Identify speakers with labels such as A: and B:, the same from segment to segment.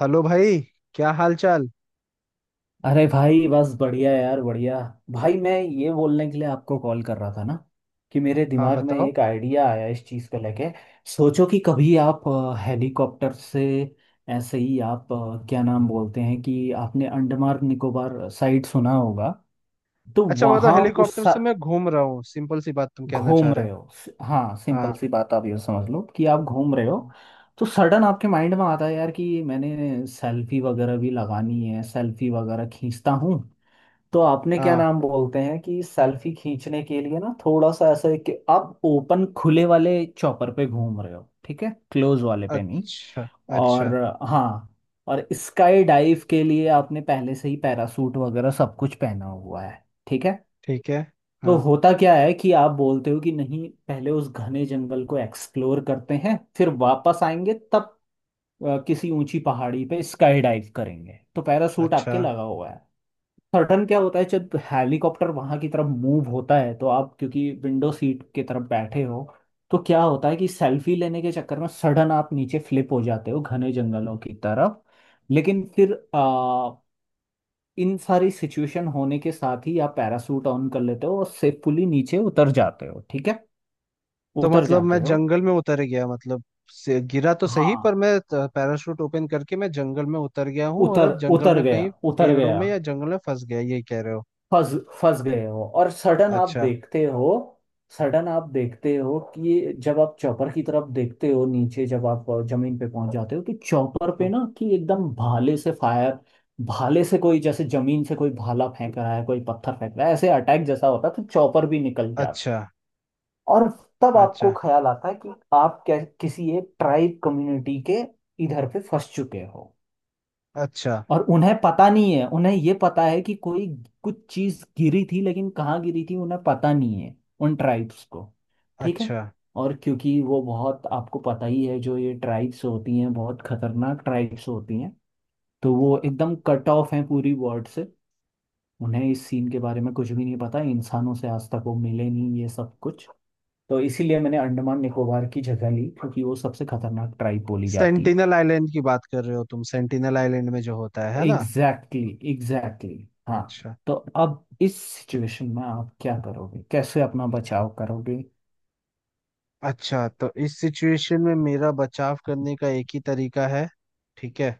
A: Hello भाई। क्या हाल चाल।
B: अरे भाई, बस बढ़िया यार, बढ़िया। भाई, मैं ये बोलने के लिए आपको कॉल कर रहा था ना कि मेरे
A: हाँ
B: दिमाग में
A: बताओ।
B: एक आइडिया आया इस चीज़ को लेके। सोचो कि कभी आप हेलीकॉप्टर से ऐसे ही आप क्या नाम बोलते हैं कि आपने अंडमान निकोबार साइड सुना होगा। तो
A: अच्छा मतलब
B: वहाँ
A: हेलीकॉप्टर से मैं घूम रहा हूँ, सिंपल सी बात तुम कहना चाह
B: घूम
A: रहे हो।
B: रहे हो हाँ, सिंपल
A: हाँ।
B: सी बात, आप ये समझ लो कि आप घूम रहे हो।
A: हम्म।
B: तो सडन आपके माइंड में आता है यार कि मैंने सेल्फी वगैरह भी लगानी है, सेल्फी वगैरह खींचता हूँ। तो आपने क्या
A: हाँ।
B: नाम बोलते हैं कि सेल्फी खींचने के लिए ना थोड़ा सा ऐसा है कि आप ओपन खुले वाले चौपर पे घूम रहे हो, ठीक है, क्लोज वाले पे नहीं।
A: अच्छा। अच्छा।
B: और हाँ, और स्काई डाइव के लिए आपने पहले से ही पैरासूट वगैरह सब कुछ पहना हुआ है, ठीक है।
A: ठीक है।
B: तो
A: हाँ।
B: होता क्या है कि आप बोलते हो कि नहीं, पहले उस घने जंगल को एक्सप्लोर करते हैं फिर वापस आएंगे, तब किसी ऊंची पहाड़ी पे स्काई डाइव करेंगे, तो पैरासूट
A: अच्छा
B: आपके लगा हुआ है। सर्टन क्या होता है, जब हेलीकॉप्टर वहां की तरफ मूव होता है तो आप क्योंकि विंडो सीट की तरफ बैठे हो तो क्या होता है कि सेल्फी लेने के चक्कर में सडन आप नीचे फ्लिप हो जाते हो घने जंगलों की तरफ। लेकिन फिर इन सारी सिचुएशन होने के साथ ही आप पैरासूट ऑन कर लेते हो और सेफुली नीचे उतर जाते हो, ठीक है।
A: तो
B: उतर
A: मतलब मैं
B: जाते हो,
A: जंगल में उतर गया, मतलब से गिरा तो सही
B: हाँ।
A: पर मैं पैराशूट ओपन करके मैं जंगल में उतर गया हूँ और
B: उतर
A: अब जंगल
B: उतर
A: में
B: गया,
A: कहीं
B: उतर
A: पेड़ों
B: गया।
A: में या जंगल में फंस गया, यही कह रहे हो।
B: फंस फंस गए हो। और
A: अच्छा।
B: सडन आप देखते हो कि जब आप चौपर की तरफ देखते हो, नीचे जब आप जमीन पे पहुंच जाते हो, तो चौपर
A: हाँ।
B: पे ना कि एकदम भाले से फायर, भाले से कोई, जैसे जमीन से कोई भाला फेंक रहा है, कोई पत्थर फेंक रहा है, ऐसे अटैक जैसा होता है, तो चौपर भी निकल जाता।
A: अच्छा।
B: और तब आपको
A: अच्छा।
B: ख्याल आता है कि आप क्या किसी एक ट्राइब कम्युनिटी के इधर पे फंस चुके हो।
A: अच्छा।
B: और उन्हें पता नहीं है, उन्हें ये पता है कि कोई कुछ चीज गिरी थी, लेकिन कहाँ गिरी थी उन्हें पता नहीं है, उन ट्राइब्स को, ठीक है।
A: अच्छा।
B: और क्योंकि वो बहुत, आपको पता ही है, जो ये ट्राइब्स होती हैं बहुत खतरनाक ट्राइब्स होती हैं, तो वो एकदम कट ऑफ हैं पूरी वर्ल्ड से। उन्हें इस सीन के बारे में कुछ भी नहीं पता, इंसानों से आज तक वो मिले नहीं, ये सब कुछ। तो इसीलिए मैंने अंडमान निकोबार की जगह ली क्योंकि वो सबसे खतरनाक ट्राइब बोली जाती है।
A: सेंटिनल आइलैंड की बात कर रहे हो तुम, सेंटिनल आइलैंड में जो होता है ना।
B: एग्जैक्टली exactly, हाँ।
A: अच्छा।
B: तो अब इस सिचुएशन में आप क्या करोगे, कैसे अपना बचाव करोगे?
A: अच्छा तो इस सिचुएशन में मेरा बचाव करने का एक ही तरीका है। ठीक है।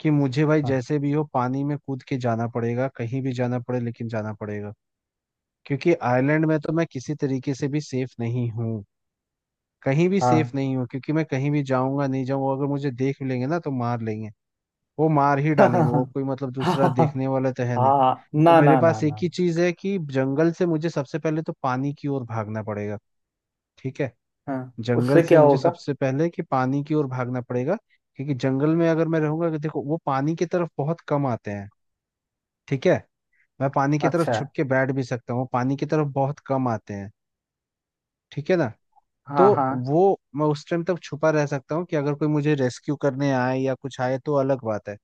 A: कि मुझे भाई
B: हाँ
A: जैसे भी हो पानी में कूद के जाना पड़ेगा, कहीं भी जाना पड़े लेकिन जाना पड़ेगा। क्योंकि आइलैंड में तो मैं किसी तरीके से भी सेफ नहीं हूँ। कहीं भी सेफ
B: हाँ।
A: नहीं हूँ, क्योंकि मैं कहीं भी जाऊंगा नहीं जाऊंगा, अगर मुझे देख भी लेंगे ना तो मार लेंगे। वो मार ही डालेंगे, वो
B: हाँ
A: कोई मतलब
B: हाँ
A: दूसरा
B: हाँ
A: देखने वाला तो है नहीं।
B: हाँ,
A: तो
B: ना
A: मेरे
B: ना ना
A: पास एक
B: ना।
A: ही चीज है कि जंगल से मुझे सबसे पहले तो पानी की ओर भागना पड़ेगा। ठीक है।
B: हाँ,
A: जंगल
B: उससे
A: से
B: क्या
A: मुझे
B: होगा?
A: सबसे पहले कि पानी की ओर भागना पड़ेगा। क्योंकि जंगल में अगर मैं रहूंगा, कि देखो वो पानी की तरफ बहुत कम आते हैं। ठीक है। मैं पानी की तरफ
B: अच्छा है।
A: छुप के बैठ भी सकता हूँ, वो पानी की तरफ बहुत कम आते हैं। ठीक है ना। तो
B: हाँ हाँ।
A: वो मैं उस टाइम तक छुपा रह सकता हूँ कि अगर कोई मुझे रेस्क्यू करने आए या कुछ आए तो अलग बात है।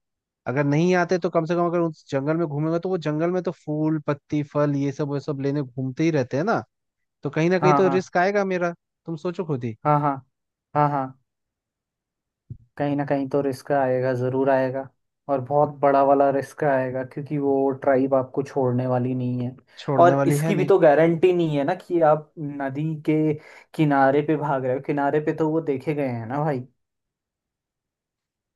A: अगर नहीं आते तो कम से कम अगर उस जंगल में घूमेगा तो वो जंगल में तो फूल पत्ती फल ये सब वो सब लेने घूमते ही रहते हैं ना। तो कहीं ना कहीं
B: हाँ
A: तो
B: हाँ।
A: रिस्क आएगा मेरा। तुम सोचो खुद ही।
B: हाँ हाँ। हाँ हाँ। कहीं ना कहीं तो रिस्क आएगा, ज़रूर आएगा। और बहुत बड़ा वाला रिस्क आएगा क्योंकि वो ट्राइब आपको छोड़ने वाली नहीं है।
A: छोड़ने
B: और
A: वाली है
B: इसकी भी
A: नहीं।
B: तो गारंटी नहीं है ना कि आप नदी के किनारे पे भाग रहे हो, किनारे पे तो वो देखे गए हैं ना भाई।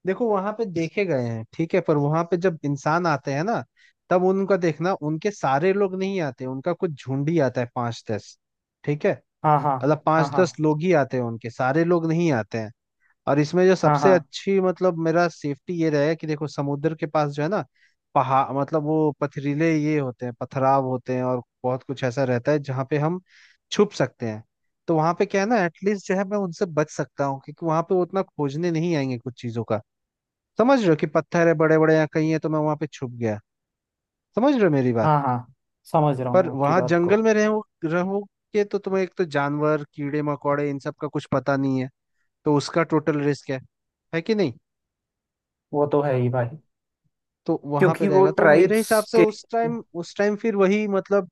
A: देखो वहां पे देखे गए हैं, ठीक है, पर वहां पे जब इंसान आते हैं ना, तब उनका देखना उनके सारे लोग नहीं आते, उनका कुछ झुंड ही आता है, पांच दस। ठीक है।
B: हाँ हाँ।
A: मतलब पांच
B: हाँ हाँ।
A: दस लोग ही आते हैं, उनके सारे लोग नहीं आते हैं। और इसमें जो
B: हाँ
A: सबसे
B: हाँ।
A: अच्छी मतलब मेरा सेफ्टी ये रहेगा कि देखो समुद्र के पास जो है ना, पहाड़, मतलब वो पथरीले ये होते हैं, पथराव होते हैं और बहुत कुछ ऐसा रहता है जहाँ पे हम छुप सकते हैं। तो वहां पे क्या है ना, एटलीस्ट जो है मैं उनसे बच सकता हूँ, क्योंकि वहां पे वो उतना खोजने नहीं आएंगे कुछ चीजों का। समझ रहे हो, कि पत्थर है बड़े बड़े या कहीं है तो मैं वहां पे छुप गया। समझ रहे हो मेरी बात।
B: हाँ हाँ। समझ रहा
A: पर
B: हूँ आपकी
A: वहां
B: बात
A: जंगल
B: को।
A: में रहो रहोगे तो तुम्हें एक तो जानवर कीड़े मकोड़े इन सब का कुछ पता नहीं है। तो उसका टोटल रिस्क है। है कि नहीं।
B: वो तो है ही भाई।
A: तो वहां पे
B: क्योंकि वो
A: रहेगा तो मेरे
B: ट्राइब्स
A: हिसाब से
B: के,
A: उस टाइम फिर वही मतलब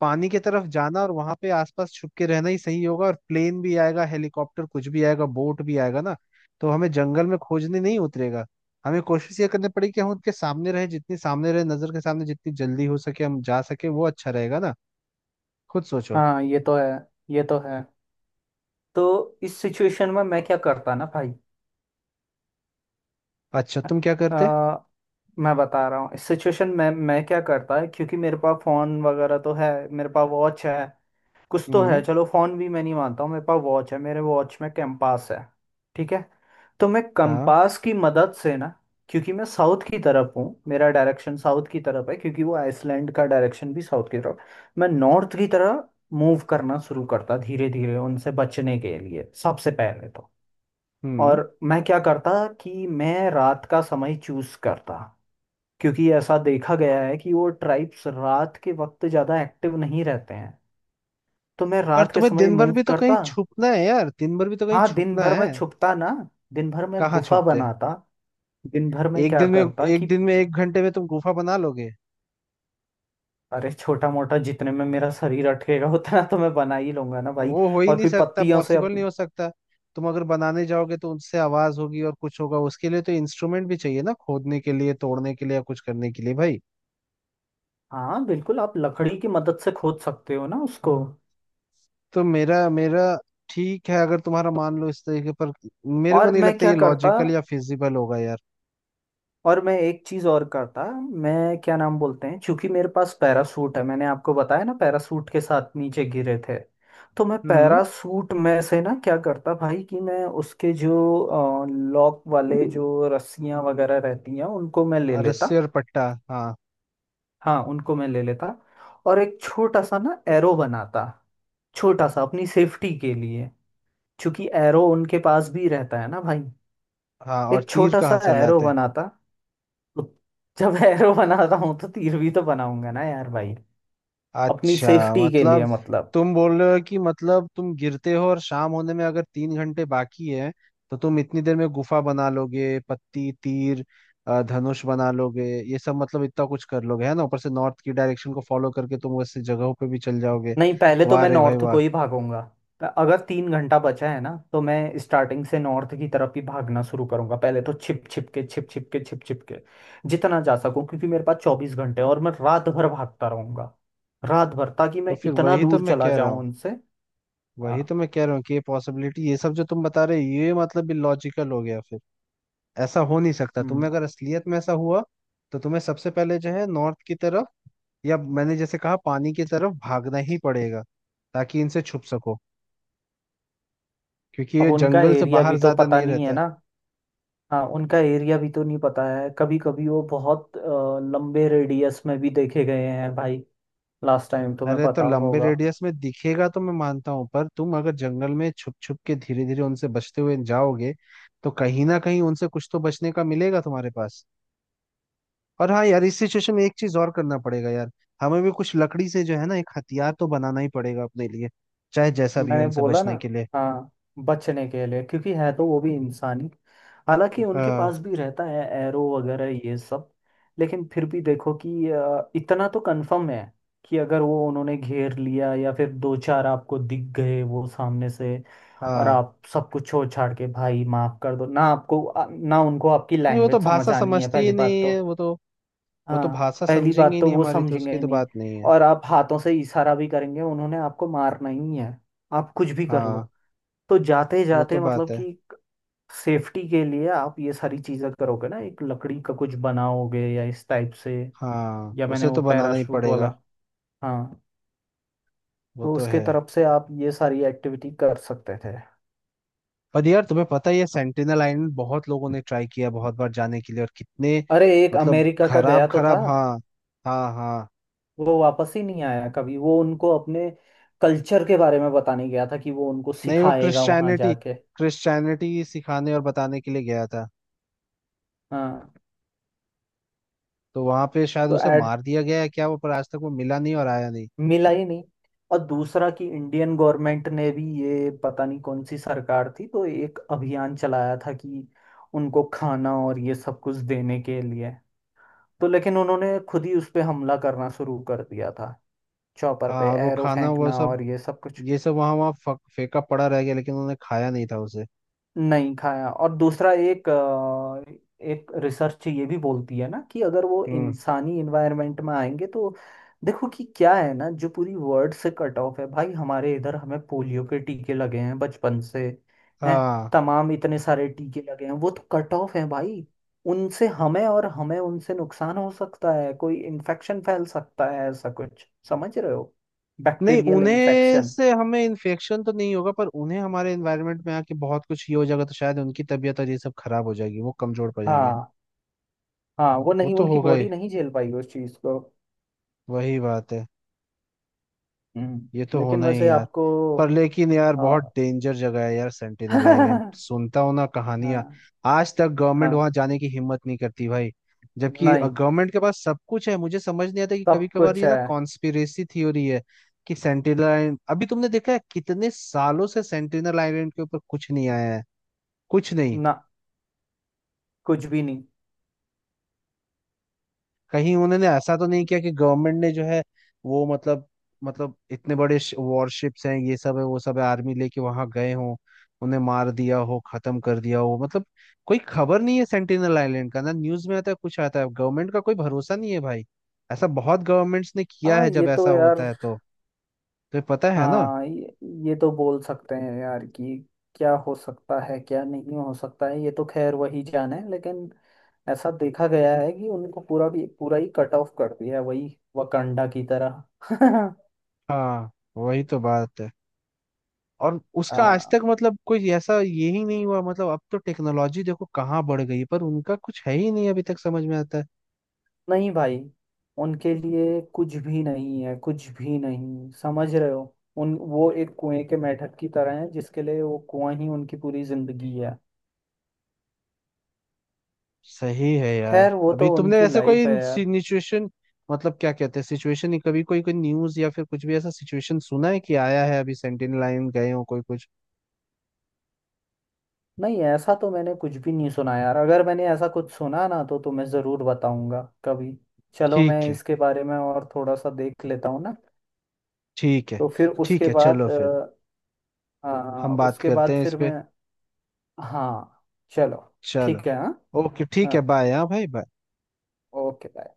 A: पानी की तरफ जाना और वहां पे आसपास छुप के रहना ही सही होगा, और प्लेन भी आएगा, हेलीकॉप्टर कुछ भी आएगा, बोट भी आएगा ना। तो हमें जंगल में खोजने नहीं उतरेगा। हमें कोशिश ये करनी पड़ेगी कि हम उनके सामने रहे, जितनी सामने रहे नजर के सामने जितनी जल्दी हो सके हम जा सके, वो अच्छा रहेगा ना। खुद सोचो।
B: हाँ। ये तो है, ये तो है। तो इस सिचुएशन में मैं क्या करता ना भाई।
A: अच्छा तुम क्या करते।
B: आ, मैं बता रहा हूँ इस सिचुएशन में मैं क्या करता है। क्योंकि मेरे पास फोन वगैरह तो है, मेरे पास वॉच है, कुछ तो
A: हम्म।
B: है। चलो फोन भी मैं नहीं मानता हूँ, मेरे पास वॉच है, मेरे वॉच में कंपास है, ठीक है। तो मैं
A: हाँ।
B: कंपास की मदद से ना, क्योंकि मैं साउथ की तरफ हूँ, मेरा डायरेक्शन साउथ की तरफ है, क्योंकि वो आइसलैंड का डायरेक्शन भी साउथ की तरफ। मैं नॉर्थ की तरह मूव करना शुरू करता धीरे धीरे उनसे बचने के लिए सबसे पहले तो।
A: हम्म।
B: और मैं क्या करता कि मैं रात का समय चूज करता, क्योंकि ऐसा देखा गया है कि वो ट्राइब्स रात के वक्त ज़्यादा एक्टिव नहीं रहते हैं, तो मैं
A: पर
B: रात के
A: तुम्हें
B: समय
A: दिन भर
B: मूव
A: भी तो कहीं
B: करता।
A: छुपना है यार, दिन भर भी तो कहीं
B: हाँ, दिन
A: छुपना
B: भर
A: है।
B: मैं छुपता ना, दिन भर मैं
A: कहाँ
B: गुफा
A: छुपते।
B: बनाता। दिन भर में
A: एक
B: क्या
A: दिन में
B: करता कि
A: एक दिन में एक घंटे में तुम गुफा बना लोगे।
B: अरे छोटा मोटा, जितने में मेरा शरीर अटकेगा उतना तो मैं बना ही लूंगा ना भाई।
A: वो हो ही
B: और
A: नहीं
B: फिर
A: सकता,
B: पत्तियों से
A: पॉसिबल नहीं
B: अपने,
A: हो सकता। तुम अगर बनाने जाओगे तो उनसे आवाज होगी और कुछ होगा, उसके लिए तो इंस्ट्रूमेंट भी चाहिए ना, खोदने के लिए तोड़ने के लिए या कुछ करने के लिए भाई।
B: हाँ बिल्कुल, आप लकड़ी की मदद से खोद सकते हो ना उसको।
A: तो मेरा मेरा ठीक है अगर तुम्हारा मान लो इस तरीके पर, मेरे को
B: और
A: नहीं
B: मैं
A: लगता
B: क्या
A: ये
B: करता,
A: लॉजिकल या फिजिबल होगा यार।
B: और मैं एक चीज और करता, मैं क्या नाम बोलते हैं, क्योंकि मेरे पास पैरासूट है, मैंने आपको बताया ना पैरासूट के साथ नीचे गिरे थे, तो मैं
A: हम्म।
B: पैरासूट में से ना क्या करता भाई कि मैं उसके जो लॉक वाले, जो रस्सियां वगैरह रहती हैं, उनको मैं ले
A: और
B: लेता।
A: रस्सी और पट्टा, हाँ।
B: हाँ, उनको मैं ले लेता और एक छोटा सा ना एरो बनाता, छोटा सा अपनी सेफ्टी के लिए, क्योंकि एरो उनके पास भी रहता है ना भाई।
A: हाँ और
B: एक
A: तीर
B: छोटा सा
A: कहाँ से
B: एरो
A: लाते।
B: बनाता। जब एरो बनाता हूँ तो तीर भी तो बनाऊंगा ना यार भाई, अपनी
A: अच्छा
B: सेफ्टी के लिए
A: मतलब
B: मतलब।
A: तुम बोल रहे हो कि मतलब तुम गिरते हो और शाम होने में अगर तीन घंटे बाकी है, तो तुम इतनी देर में गुफा बना लोगे, पत्ती, तीर, धनुष बना लोगे, ये सब मतलब इतना कुछ कर लोगे, है ना, ऊपर से नॉर्थ की डायरेक्शन को फॉलो करके तुम वैसे जगहों पे भी चल जाओगे।
B: नहीं, पहले तो
A: वाह
B: मैं
A: रे भाई
B: नॉर्थ
A: वाह।
B: को ही भागूंगा। अगर तीन घंटा बचा है ना तो मैं स्टार्टिंग से नॉर्थ की तरफ ही भागना शुरू करूंगा, पहले तो छिप छिप के छिप छिप के छिप छिप के, जितना जा सकूं, क्योंकि मेरे पास चौबीस घंटे हैं और मैं रात भर भागता रहूंगा, रात भर, ताकि
A: तो
B: मैं
A: फिर
B: इतना
A: वही तो
B: दूर
A: मैं
B: चला
A: कह रहा
B: जाऊं
A: हूँ।
B: उनसे।
A: वही
B: हाँ।
A: तो मैं कह रहा हूँ कि ये पॉसिबिलिटी ये सब जो तुम बता रहे हो ये मतलब इलॉजिकल हो गया फिर। ऐसा हो नहीं सकता। तुम्हें
B: हम्म।
A: अगर असलियत में ऐसा हुआ, तो तुम्हें सबसे पहले जो है नॉर्थ की तरफ, या मैंने जैसे कहा पानी की तरफ भागना ही पड़ेगा, ताकि इनसे छुप सको, क्योंकि
B: अब
A: ये
B: उनका
A: जंगल से
B: एरिया
A: बाहर
B: भी तो
A: ज्यादा
B: पता
A: नहीं
B: नहीं
A: रहता
B: है
A: है।
B: ना। हाँ, उनका एरिया भी तो नहीं पता है, कभी कभी वो बहुत लंबे रेडियस में भी देखे गए हैं भाई। लास्ट टाइम तुम्हें
A: अरे तो
B: पता
A: लंबे
B: होगा।
A: रेडियस में दिखेगा तो मैं मानता हूं, पर तुम अगर जंगल में छुप छुप के धीरे धीरे उनसे बचते हुए जाओगे, तो कहीं ना कहीं उनसे कुछ तो बचने का मिलेगा तुम्हारे पास। और हाँ यार इस सिचुएशन में एक चीज और करना पड़ेगा यार, हमें भी कुछ लकड़ी से जो है ना एक हथियार तो बनाना ही पड़ेगा अपने लिए, चाहे जैसा भी हो,
B: मैंने
A: इनसे
B: बोला ना,
A: बचने के लिए।
B: हाँ, बचने के लिए क्योंकि है तो वो भी इंसानी। हालांकि उनके
A: हाँ।
B: पास भी रहता है एरो वगैरह ये सब, लेकिन फिर भी देखो कि इतना तो कंफर्म है कि अगर वो उन्होंने घेर लिया या फिर दो चार आपको दिख गए वो सामने से, और
A: हाँ
B: आप सब कुछ छोड़ छाड़ के भाई माफ कर दो ना आपको, ना उनको आपकी
A: नहीं वो तो
B: लैंग्वेज समझ
A: भाषा
B: आनी है
A: समझती ही
B: पहली बात
A: नहीं
B: तो।
A: है वो तो। वो तो
B: हाँ।
A: भाषा
B: पहली
A: समझेंगे
B: बात
A: ही
B: तो
A: नहीं
B: वो
A: हमारी, तो उसकी
B: समझेंगे
A: तो
B: नहीं,
A: बात नहीं है।
B: और आप हाथों से इशारा भी करेंगे उन्होंने आपको मारना ही है, आप कुछ भी कर लो।
A: हाँ।
B: तो जाते
A: वो तो
B: जाते
A: बात
B: मतलब
A: है।
B: कि सेफ्टी के लिए आप ये सारी चीजें करोगे ना, एक लकड़ी का कुछ बनाओगे या इस टाइप से।
A: हाँ
B: या मैंने
A: उसे
B: वो
A: तो बनाना ही
B: पैराशूट वाला,
A: पड़ेगा।
B: हाँ,
A: वो
B: तो
A: तो
B: उसके
A: है।
B: तरफ से आप ये सारी एक्टिविटी कर सकते थे।
A: पर यार तुम्हें पता ही है सेंटिनल आइलैंड बहुत लोगों ने ट्राई किया बहुत बार जाने के लिए, और कितने
B: अरे एक
A: मतलब
B: अमेरिका का
A: खराब,
B: गया तो था,
A: खराब, हाँ। हाँ हाँ।
B: वो वापस ही नहीं आया कभी, वो उनको अपने कल्चर के बारे में बताने गया था कि वो उनको
A: नहीं वो
B: सिखाएगा वहां
A: क्रिश्चियनिटी,
B: जाके।
A: क्रिश्चियनिटी सिखाने और बताने के लिए गया था।
B: हाँ।
A: तो वहां पे शायद
B: तो
A: उसे
B: ऐड
A: मार दिया गया है क्या वो, पर आज तक वो मिला नहीं और आया नहीं।
B: मिला ही नहीं। और दूसरा कि इंडियन गवर्नमेंट ने भी, ये पता नहीं कौन सी सरकार थी, तो एक अभियान चलाया था कि उनको खाना और ये सब कुछ देने के लिए, तो लेकिन उन्होंने खुद ही उस पे हमला करना शुरू कर दिया था, चॉपर
A: हाँ
B: पे
A: और वो
B: एरो
A: खाना वो
B: फेंकना
A: सब,
B: और ये सब कुछ।
A: ये सब वहां वहां फेंका पड़ा रह गया लेकिन उन्होंने खाया नहीं था उसे।
B: नहीं खाया। और दूसरा एक एक रिसर्च ये भी बोलती है ना कि अगर वो
A: हम्म।
B: इंसानी इन्वायरमेंट में आएंगे तो, देखो कि क्या है ना, जो पूरी वर्ल्ड से कट ऑफ है भाई, हमारे इधर हमें पोलियो के टीके लगे हैं बचपन से, हैं
A: हाँ।
B: तमाम इतने सारे टीके लगे हैं, वो तो कट ऑफ है भाई। उनसे हमें और हमें उनसे नुकसान हो सकता है, कोई इन्फेक्शन फैल सकता है, ऐसा कुछ, समझ रहे हो?
A: नहीं
B: बैक्टीरियल
A: उन्हें
B: इन्फेक्शन।
A: से हमें इन्फेक्शन तो नहीं होगा, पर उन्हें हमारे एनवायरनमेंट में आके बहुत कुछ ये हो जाएगा, तो शायद उनकी तबीयत और ये सब खराब हो जाएगी, वो कमजोर पड़ जाएंगे।
B: हाँ हाँ, वो
A: वो
B: नहीं
A: तो
B: उनकी
A: होगा ही।
B: बॉडी नहीं झेल पाई उस चीज को।
A: वही बात है। ये
B: हम्म,
A: तो
B: लेकिन
A: होना ही है
B: वैसे
A: यार।
B: आपको,
A: पर लेकिन यार
B: आ,
A: बहुत डेंजर जगह है यार सेंटिनल आइलैंड,
B: हाँ
A: सुनता हूं ना कहानियां। आज तक गवर्नमेंट
B: हाँ।
A: वहां जाने की हिम्मत नहीं करती भाई। जबकि
B: नहीं,
A: गवर्नमेंट के पास सब कुछ है, मुझे समझ नहीं आता कि कभी
B: सब
A: कभार
B: कुछ
A: ये ना
B: है
A: कॉन्स्पिरेसी थ्योरी है, कि सेंटिनल आइलैंड अभी तुमने देखा है कितने सालों से सेंटिनल आइलैंड के ऊपर कुछ नहीं आया है। कुछ नहीं।
B: ना, कुछ भी नहीं।
A: कहीं उन्होंने ऐसा तो नहीं किया कि गवर्नमेंट ने जो है वो मतलब, मतलब इतने बड़े वॉरशिप्स हैं ये सब है वो सब है, आर्मी लेके वहां गए हो, उन्हें मार दिया हो, खत्म कर दिया हो मतलब। कोई खबर नहीं है सेंटिनल आइलैंड का, ना न्यूज में आता है कुछ आता है, गवर्नमेंट का कोई भरोसा नहीं है भाई। ऐसा बहुत गवर्नमेंट्स ने किया
B: हाँ
A: है जब
B: ये तो
A: ऐसा
B: यार।
A: होता है तो। तो ये पता है ना।
B: हाँ ये तो बोल सकते हैं यार कि क्या हो सकता है, क्या नहीं हो सकता है, ये तो खैर वही जाने, लेकिन ऐसा देखा गया है कि उनको पूरा भी पूरा ही कट ऑफ कर दिया है वही वकांडा की तरह।
A: हाँ वही तो बात है। और उसका आज
B: हाँ।
A: तक मतलब कोई ऐसा यही नहीं हुआ, मतलब अब तो टेक्नोलॉजी देखो कहाँ बढ़ गई है, पर उनका कुछ है ही नहीं अभी तक, समझ में आता है।
B: नहीं भाई, उनके लिए कुछ भी नहीं है, कुछ भी नहीं, समझ रहे हो? उन वो एक कुएं के मेंढक की तरह है जिसके लिए वो कुआं ही उनकी पूरी जिंदगी है।
A: सही है यार।
B: खैर वो
A: अभी
B: तो
A: तुमने
B: उनकी
A: ऐसे कोई
B: लाइफ है यार।
A: सिचुएशन, मतलब क्या कहते हैं सिचुएशन नहीं, कभी कोई कोई न्यूज या फिर कुछ भी ऐसा सिचुएशन सुना है कि आया है अभी, सेंटिनल लाइन गए हो कोई कुछ।
B: नहीं ऐसा तो मैंने कुछ भी नहीं सुना यार, अगर मैंने ऐसा कुछ सुना ना तो तुम्हें जरूर बताऊंगा कभी। चलो मैं
A: ठीक है।
B: इसके बारे में और थोड़ा सा देख लेता हूँ ना।
A: ठीक है।
B: तो फिर
A: ठीक
B: उसके
A: है चलो
B: बाद
A: फिर। हम बात
B: उसके
A: करते
B: बाद
A: हैं इस
B: फिर
A: पे।
B: मैं, हाँ, चलो,
A: चलो।
B: ठीक है, हाँ,
A: ओके ठीक
B: हाँ,
A: है बाय, हाँ भाई बाय।
B: Okay, bye.